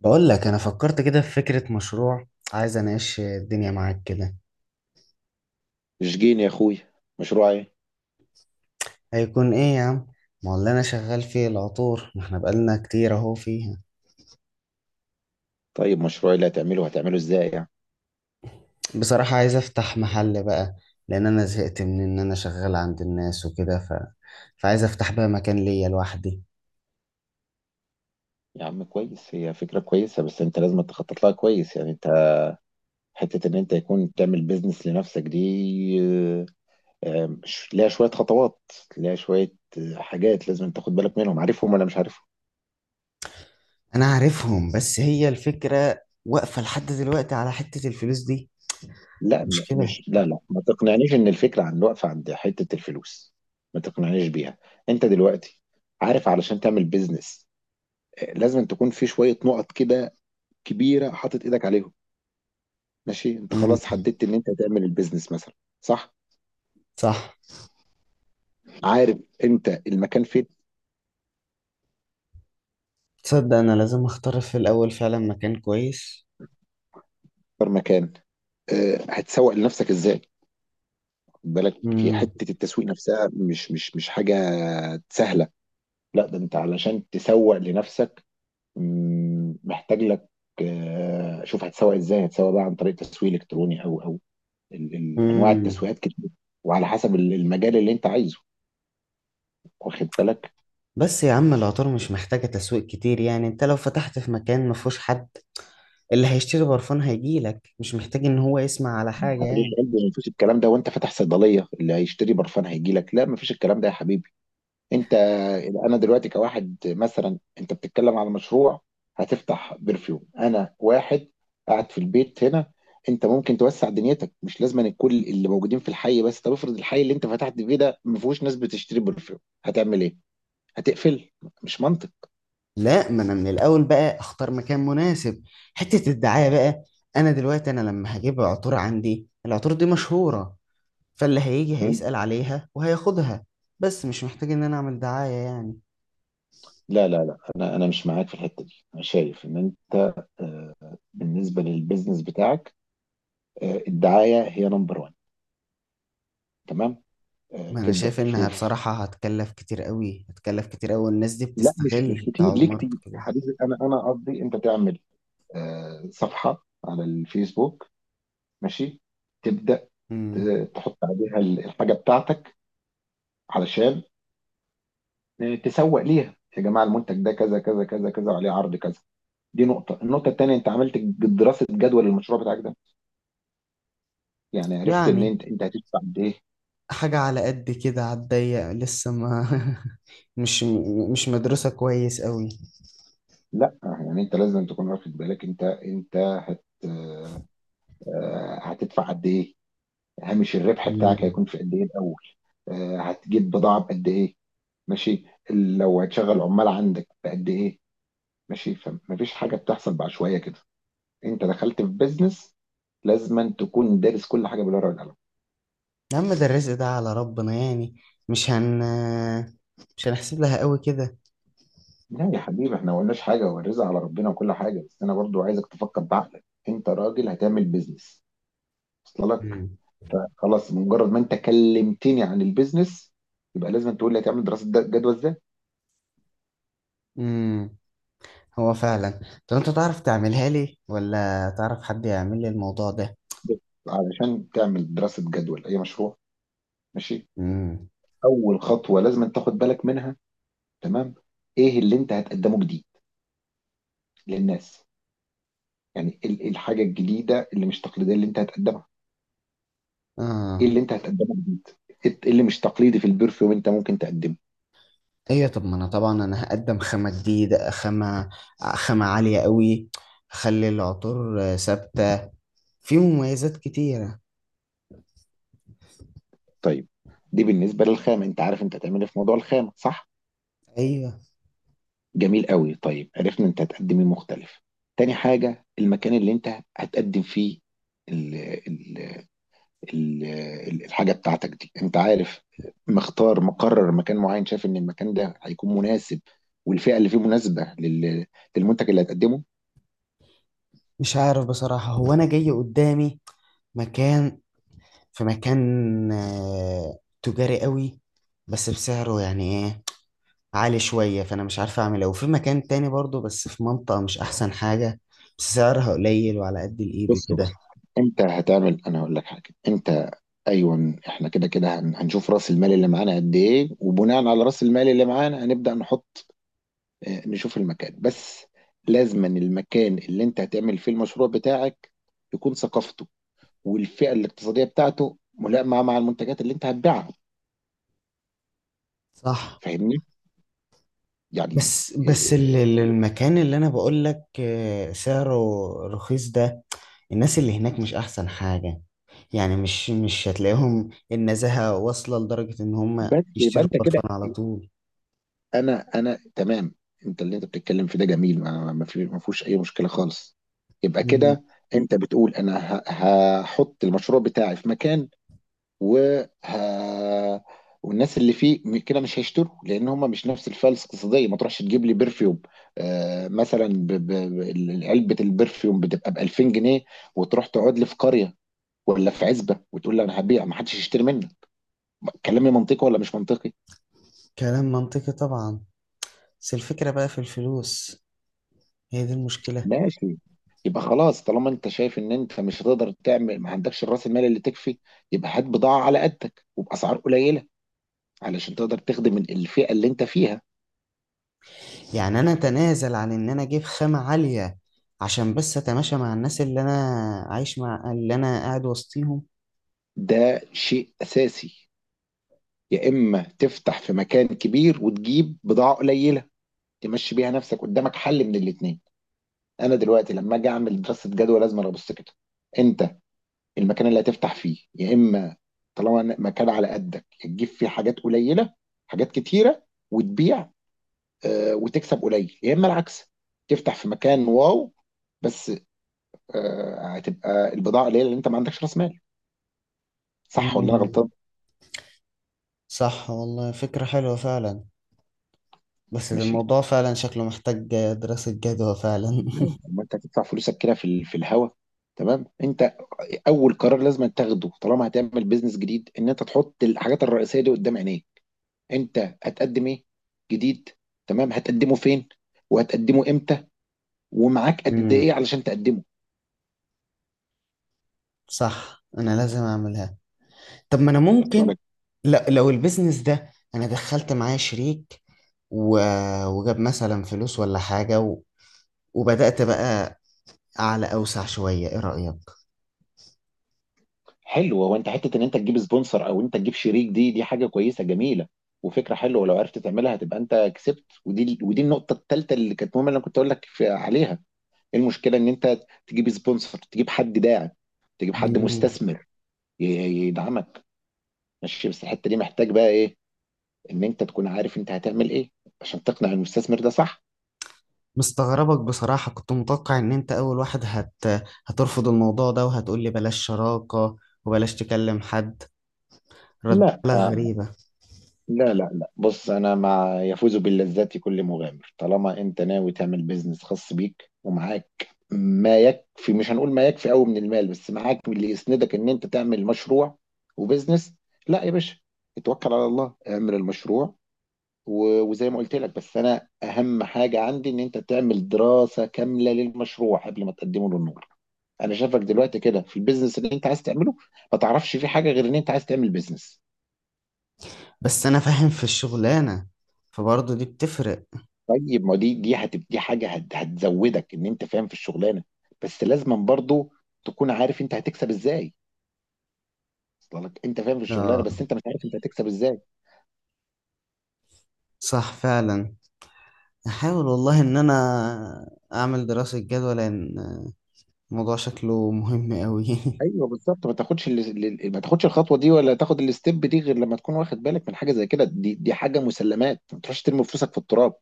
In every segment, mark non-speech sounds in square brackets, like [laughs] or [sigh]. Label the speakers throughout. Speaker 1: بقول لك انا فكرت كده في فكرة مشروع. عايز اناقش الدنيا معاك كده.
Speaker 2: جين يا اخويا. مشروع ايه؟
Speaker 1: هيكون ايه يا عم؟ ما هو اللي انا شغال فيه العطور، ما احنا بقالنا كتير اهو فيها.
Speaker 2: طيب، مشروع اللي هتعمله ازاي يعني؟
Speaker 1: بصراحة عايز افتح محل بقى، لان انا زهقت من ان انا شغال عند الناس وكده فعايز افتح بقى مكان ليا لوحدي.
Speaker 2: يا عم كويس، هي فكرة كويسة بس انت لازم تخطط لها كويس، يعني انت حتة ان انت يكون تعمل بيزنس لنفسك دي. آه، ليها شوية خطوات، ليها شوية حاجات لازم تاخد بالك منهم، عارفهم ولا مش عارفهم؟
Speaker 1: انا عارفهم، بس هي الفكرة واقفة لحد دلوقتي على حتة الفلوس دي.
Speaker 2: لا،
Speaker 1: مشكلة.
Speaker 2: مش، لا لا، ما تقنعنيش ان الفكرة عن واقفة عند حتة الفلوس. ما تقنعنيش بيها. انت دلوقتي عارف علشان تعمل بيزنس لازم تكون في شوية نقط كده كبيرة حاطط ايدك عليهم. ماشي، انت
Speaker 1: امم
Speaker 2: خلاص حددت ان انت هتعمل البيزنس مثلا. صح.
Speaker 1: صح.
Speaker 2: عارف انت المكان فين؟
Speaker 1: تصدق انا لازم اختار في الاول فعلا مكان كويس.
Speaker 2: اكتر مكان. اه، هتسوق لنفسك ازاي؟ خد بالك، هي حته التسويق نفسها مش حاجه سهله. لا ده انت علشان تسوق لنفسك محتاج لك. اه، شوف، هتسوق ازاي؟ هتسوق بقى عن طريق تسويق الكتروني او، انواع
Speaker 1: امم
Speaker 2: التسويقات كتير، وعلى حسب المجال اللي انت عايزه، واخد بالك.
Speaker 1: بس يا عم العطار مش محتاجة تسويق كتير، يعني انت لو فتحت في مكان مفهوش حد اللي هيشتري برفان هيجيلك، مش محتاج ان هو يسمع على حاجة يعني.
Speaker 2: مفيش الكلام ده وانت فاتح صيدليه اللي هيشتري برفان هيجي لك؟ لا مفيش الكلام ده يا حبيبي. انت، انا دلوقتي كواحد مثلا، انت بتتكلم على مشروع هتفتح برفيوم، انا واحد قاعد في البيت هنا. انت ممكن توسع دنيتك، مش لازم أن كل اللي موجودين في الحي بس. طب افرض الحي اللي انت فتحت فيه ده ما فيهوش ناس بتشتري برفيوم، هتعمل ايه؟ هتقفل؟ مش منطق.
Speaker 1: لا، ما انا من الاول بقى اختار مكان مناسب. حتة الدعاية بقى، انا دلوقتي انا لما هجيب عطور عندي، العطور دي مشهورة، فاللي هيجي
Speaker 2: مم.
Speaker 1: هيسأل عليها وهياخدها. بس مش محتاج ان انا اعمل دعاية يعني.
Speaker 2: لا لا لا، انا مش معاك في الحته دي. انا شايف ان انت آه، بالنسبه للبيزنس بتاعك الدعايه هي نمبر 1. تمام؟
Speaker 1: ما انا
Speaker 2: تبدا
Speaker 1: شايف انها
Speaker 2: تشوف.
Speaker 1: بصراحة هتكلف كتير قوي، هتكلف كتير قوي، الناس دي
Speaker 2: لا، مش
Speaker 1: بتستغل
Speaker 2: كتير،
Speaker 1: بتاع
Speaker 2: ليه كتير يا
Speaker 1: الماركتينج.
Speaker 2: حبيبي؟ انا قصدي انت تعمل صفحه على الفيسبوك، ماشي، تبدا،
Speaker 1: مم.
Speaker 2: ت- تحط عليها الحاجه بتاعتك، علشان تسوق ليها. يا جماعه، المنتج ده كذا كذا كذا كذا وعليه عرض كذا. دي نقطه. النقطه الثانيه، انت عملت دراسه جدوى للمشروع بتاعك ده؟ يعني عرفت ان
Speaker 1: يعني
Speaker 2: انت هتدفع قد ايه؟
Speaker 1: حاجة على قد كده، على الضيق لسه ما [laughs] مش مش مدرسة كويس قوي.
Speaker 2: لا يعني انت لازم تكون واخد بالك، انت انت هت آه، آه، هتدفع قد ايه؟ هامش الربح بتاعك
Speaker 1: مم.
Speaker 2: هيكون في قد ايه الاول؟ هتجيب بضاعه بقد ايه؟ ماشي. لو هتشغل عمال عندك بقد ايه؟ ماشي. فمفيش حاجه بتحصل بعشوائيه كده. انت دخلت في بيزنس، لازما تكون دارس كل حاجه بالورقه والقلم.
Speaker 1: يا عم ده الرزق ده على ربنا يعني، مش هن مش هنحسب لها قوي كده.
Speaker 2: لا يا حبيبي، احنا ما قلناش حاجه، هو الرزق على ربنا وكل حاجه، بس انا برضو عايزك تفكر بعقلك، انت راجل هتعمل بيزنس. وصل لك؟
Speaker 1: مم.
Speaker 2: خلاص، مجرد ما انت كلمتني عن البيزنس يبقى لازم تقول لي هتعمل دراسه جدوى ازاي.
Speaker 1: امم هو فعلا. طب انت تعرف تعملها لي، ولا تعرف حد يعمل لي الموضوع ده؟
Speaker 2: بس، علشان تعمل دراسه جدوى لاي مشروع، ماشي،
Speaker 1: مم.
Speaker 2: اول خطوه لازم أن تاخد بالك منها، تمام، ايه اللي انت هتقدمه جديد للناس؟ يعني ايه، إيه الحاجه الجديده اللي مش تقليديه اللي انت هتقدمها؟ ايه
Speaker 1: اه.
Speaker 2: اللي انت هتقدمه جديد؟ ايه اللي مش تقليدي في البرفيوم انت ممكن تقدمه؟
Speaker 1: ايوه، طب ما انا طبعا انا هقدم خامة جديدة، خامة خامة عالية قوي، اخلي العطور ثابتة، في مميزات كتيرة.
Speaker 2: طيب، دي بالنسبه للخامه. انت عارف انت هتعمل إيه في موضوع الخامه، صح؟
Speaker 1: ايوه.
Speaker 2: جميل قوي. طيب، عرفنا انت هتقدم ايه مختلف. تاني حاجه، المكان اللي انت هتقدم فيه ال- الحاجة بتاعتك دي، انت عارف، مختار، مقرر مكان معين، شايف ان المكان ده هيكون مناسب والفئة اللي فيه مناسبة للمنتج اللي هتقدمه؟
Speaker 1: مش عارف بصراحة، هو أنا جاي قدامي مكان، في مكان تجاري قوي، بس بسعره يعني إيه، عالي شوية، فأنا مش عارف أعمل إيه. وفي مكان تاني برضو بس في منطقة مش أحسن حاجة، بس سعرها قليل وعلى قد الإيد
Speaker 2: بص بص،
Speaker 1: وكده.
Speaker 2: انت هتعمل، انا هقول لك حاجة. انت، ايوه احنا كده كده هنشوف راس المال اللي معانا قد ايه، وبناء على راس المال اللي معانا هنبدأ نحط، اه، نشوف المكان بس. لازما المكان اللي انت هتعمل فيه المشروع بتاعك يكون ثقافته والفئة الاقتصادية بتاعته ملائمة مع المنتجات اللي انت هتبيعها.
Speaker 1: صح.
Speaker 2: فاهمني يعني؟
Speaker 1: بس بس
Speaker 2: إيه،
Speaker 1: المكان اللي أنا بقول لك سعره رخيص ده، الناس اللي هناك مش أحسن حاجة. يعني مش مش هتلاقيهم النزاهة واصلة لدرجة إن هم
Speaker 2: بس يبقى
Speaker 1: يشتروا
Speaker 2: انت كده.
Speaker 1: برفان على طول.
Speaker 2: انا تمام. انت، اللي انت بتتكلم في ده جميل، ما ما ما فيهوش اي مشكله خالص. يبقى كده انت بتقول انا هحط المشروع بتاعي في مكان وه... والناس اللي فيه كده مش هيشتروا لان هم مش نفس الفلسفه الاقتصاديه. ما تروحش تجيب لي برفيوم آه مثلا علبه البرفيوم بتبقى ب 2000 جنيه وتروح تقعد لي في قريه ولا في عزبه وتقول لي انا هبيع، ما حدش يشتري منك. كلامي منطقي ولا مش منطقي؟
Speaker 1: كلام منطقي طبعا، بس الفكرة بقى في الفلوس، هي دي المشكلة.
Speaker 2: ماشي، يبقى خلاص، طالما انت شايف ان انت مش هتقدر تعمل، ما عندكش راس المال اللي تكفي، يبقى هات بضاعة على قدك وبأسعار قليلة علشان تقدر تخدم الفئة اللي انت فيها.
Speaker 1: يعني أنا أتنازل عن إن أنا أجيب خامة عالية عشان بس أتماشى مع الناس اللي أنا عايش مع اللي أنا قاعد وسطيهم؟
Speaker 2: ده شيء أساسي. يا إما تفتح في مكان كبير وتجيب بضاعة قليلة تمشي بيها نفسك قدامك. حل من الاتنين. أنا دلوقتي لما أجي أعمل دراسة جدوى لازم أنا أبص كده. أنت المكان اللي هتفتح فيه، يا إما طالما مكان على قدك، يا تجيب فيه حاجات قليلة، حاجات كتيرة، وتبيع وتكسب قليل، يا اما العكس، تفتح في مكان واو بس هتبقى البضاعه قليله لان انت ما عندكش راس مال. صح ولا انا
Speaker 1: مم.
Speaker 2: غلطان؟
Speaker 1: صح والله، فكرة حلوة فعلا. بس ده
Speaker 2: ماشي.
Speaker 1: الموضوع فعلا شكله محتاج دراسة جدوى فعلا.
Speaker 2: ازاي؟ اما انت هتدفع فلوسك كده في في الهوا. تمام. انت اول قرار لازم تاخده طالما هتعمل بيزنس جديد ان انت تحط الحاجات الرئيسيه دي قدام عينيك. انت هتقدم ايه جديد؟ تمام، هتقدمه فين؟ وهتقدمه امتى؟ ومعاك
Speaker 1: [laughs]
Speaker 2: قد
Speaker 1: مم.
Speaker 2: ايه علشان تقدمه؟
Speaker 1: صح، أنا لازم أعملها. طب ما أنا ممكن، لا، لو البيزنس ده أنا دخلت معايا شريك و... وجاب مثلا فلوس ولا حاجة، وبدأت بقى أعلى أوسع شوية، إيه رأيك؟
Speaker 2: حلو، هو انت حته ان انت تجيب سبونسر او انت تجيب شريك، دي حاجه كويسه جميله وفكره حلوه، ولو عرفت تعملها هتبقى انت كسبت، ودي النقطه الثالثه اللي كانت مهمه اللي انا كنت اقول لك عليها. ايه المشكله ان انت تجيب سبونسر، تجيب حد داعم، تجيب حد
Speaker 1: مم.
Speaker 2: مستثمر يدعمك؟ ماشي، بس الحته دي محتاج بقى ايه؟ ان انت تكون عارف انت هتعمل ايه عشان تقنع المستثمر ده، صح؟
Speaker 1: مستغربك بصراحة، كنت متوقع إن أنت أول واحد هترفض الموضوع ده وهتقولي بلاش شراكة وبلاش تكلم حد. رد
Speaker 2: لا
Speaker 1: لك غريبة.
Speaker 2: لا لا لا، بص، انا مع يفوز باللذات كل مغامر، طالما انت ناوي تعمل بيزنس خاص بيك ومعاك ما يكفي، مش هنقول ما يكفي قوي من المال، بس معاك اللي يسندك ان انت تعمل مشروع وبيزنس. لا يا باشا، اتوكل على الله اعمل المشروع. وزي ما قلت لك، بس انا اهم حاجة عندي ان انت تعمل دراسة كاملة للمشروع قبل ما تقدمه للنور. انا شايفك دلوقتي كده في البيزنس اللي انت عايز تعمله ما تعرفش فيه حاجة غير ان انت عايز تعمل بيزنس.
Speaker 1: بس أنا فاهم في الشغلانة، فبرضه دي بتفرق.
Speaker 2: طيب، ما دي هتبقى حاجه هتزودك ان انت فاهم في الشغلانه، بس لازما برضو تكون عارف انت هتكسب ازاي. اصل لك انت فاهم في الشغلانه
Speaker 1: آه،
Speaker 2: بس انت مش عارف انت هتكسب ازاي.
Speaker 1: صح فعلا. أحاول والله إن أنا أعمل دراسة جدوى، لأن الموضوع شكله مهم أوي.
Speaker 2: ايوه بالظبط، ما تاخدش ما تاخدش الخطوه دي ولا تاخد الستيب دي غير لما تكون واخد بالك من حاجه زي كده. دي حاجه مسلمات. ما تروحش ترمي فلوسك في التراب.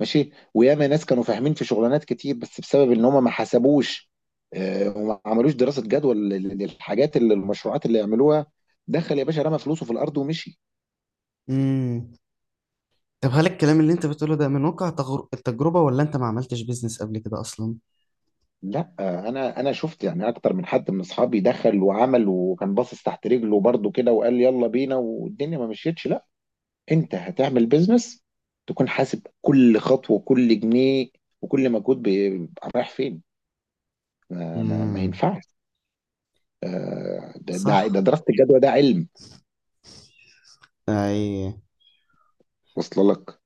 Speaker 2: ماشي؟ وياما ناس كانوا فاهمين في شغلانات كتير بس بسبب ان هم ما حسبوش وما عملوش دراسه جدوى للحاجات اللي المشروعات اللي يعملوها، دخل يا باشا رمى فلوسه في الارض ومشي.
Speaker 1: [laughs] مم. طب هل الكلام اللي انت بتقوله ده من واقع التجربة، ولا انت ما عملتش بيزنس قبل كده اصلا؟
Speaker 2: لا، انا شفت يعني اكتر من حد من اصحابي دخل وعمل وكان باصص تحت رجله برضه كده وقال يلا بينا والدنيا ما مشيتش. لا، انت هتعمل بيزنس تكون حاسب كل خطوه وكل جنيه وكل مجهود رايح فين. ما
Speaker 1: امم
Speaker 2: ينفعش. ده
Speaker 1: صح.
Speaker 2: دراسه الجدوى ده علم.
Speaker 1: اي.
Speaker 2: وصل لك؟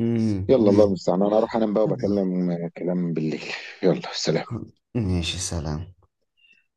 Speaker 1: امم.
Speaker 2: يلا،
Speaker 1: أمم.
Speaker 2: الله المستعان، انا اروح انام بقى وبكلم كلام بالليل. يلا سلام.
Speaker 1: ماشي، سلام.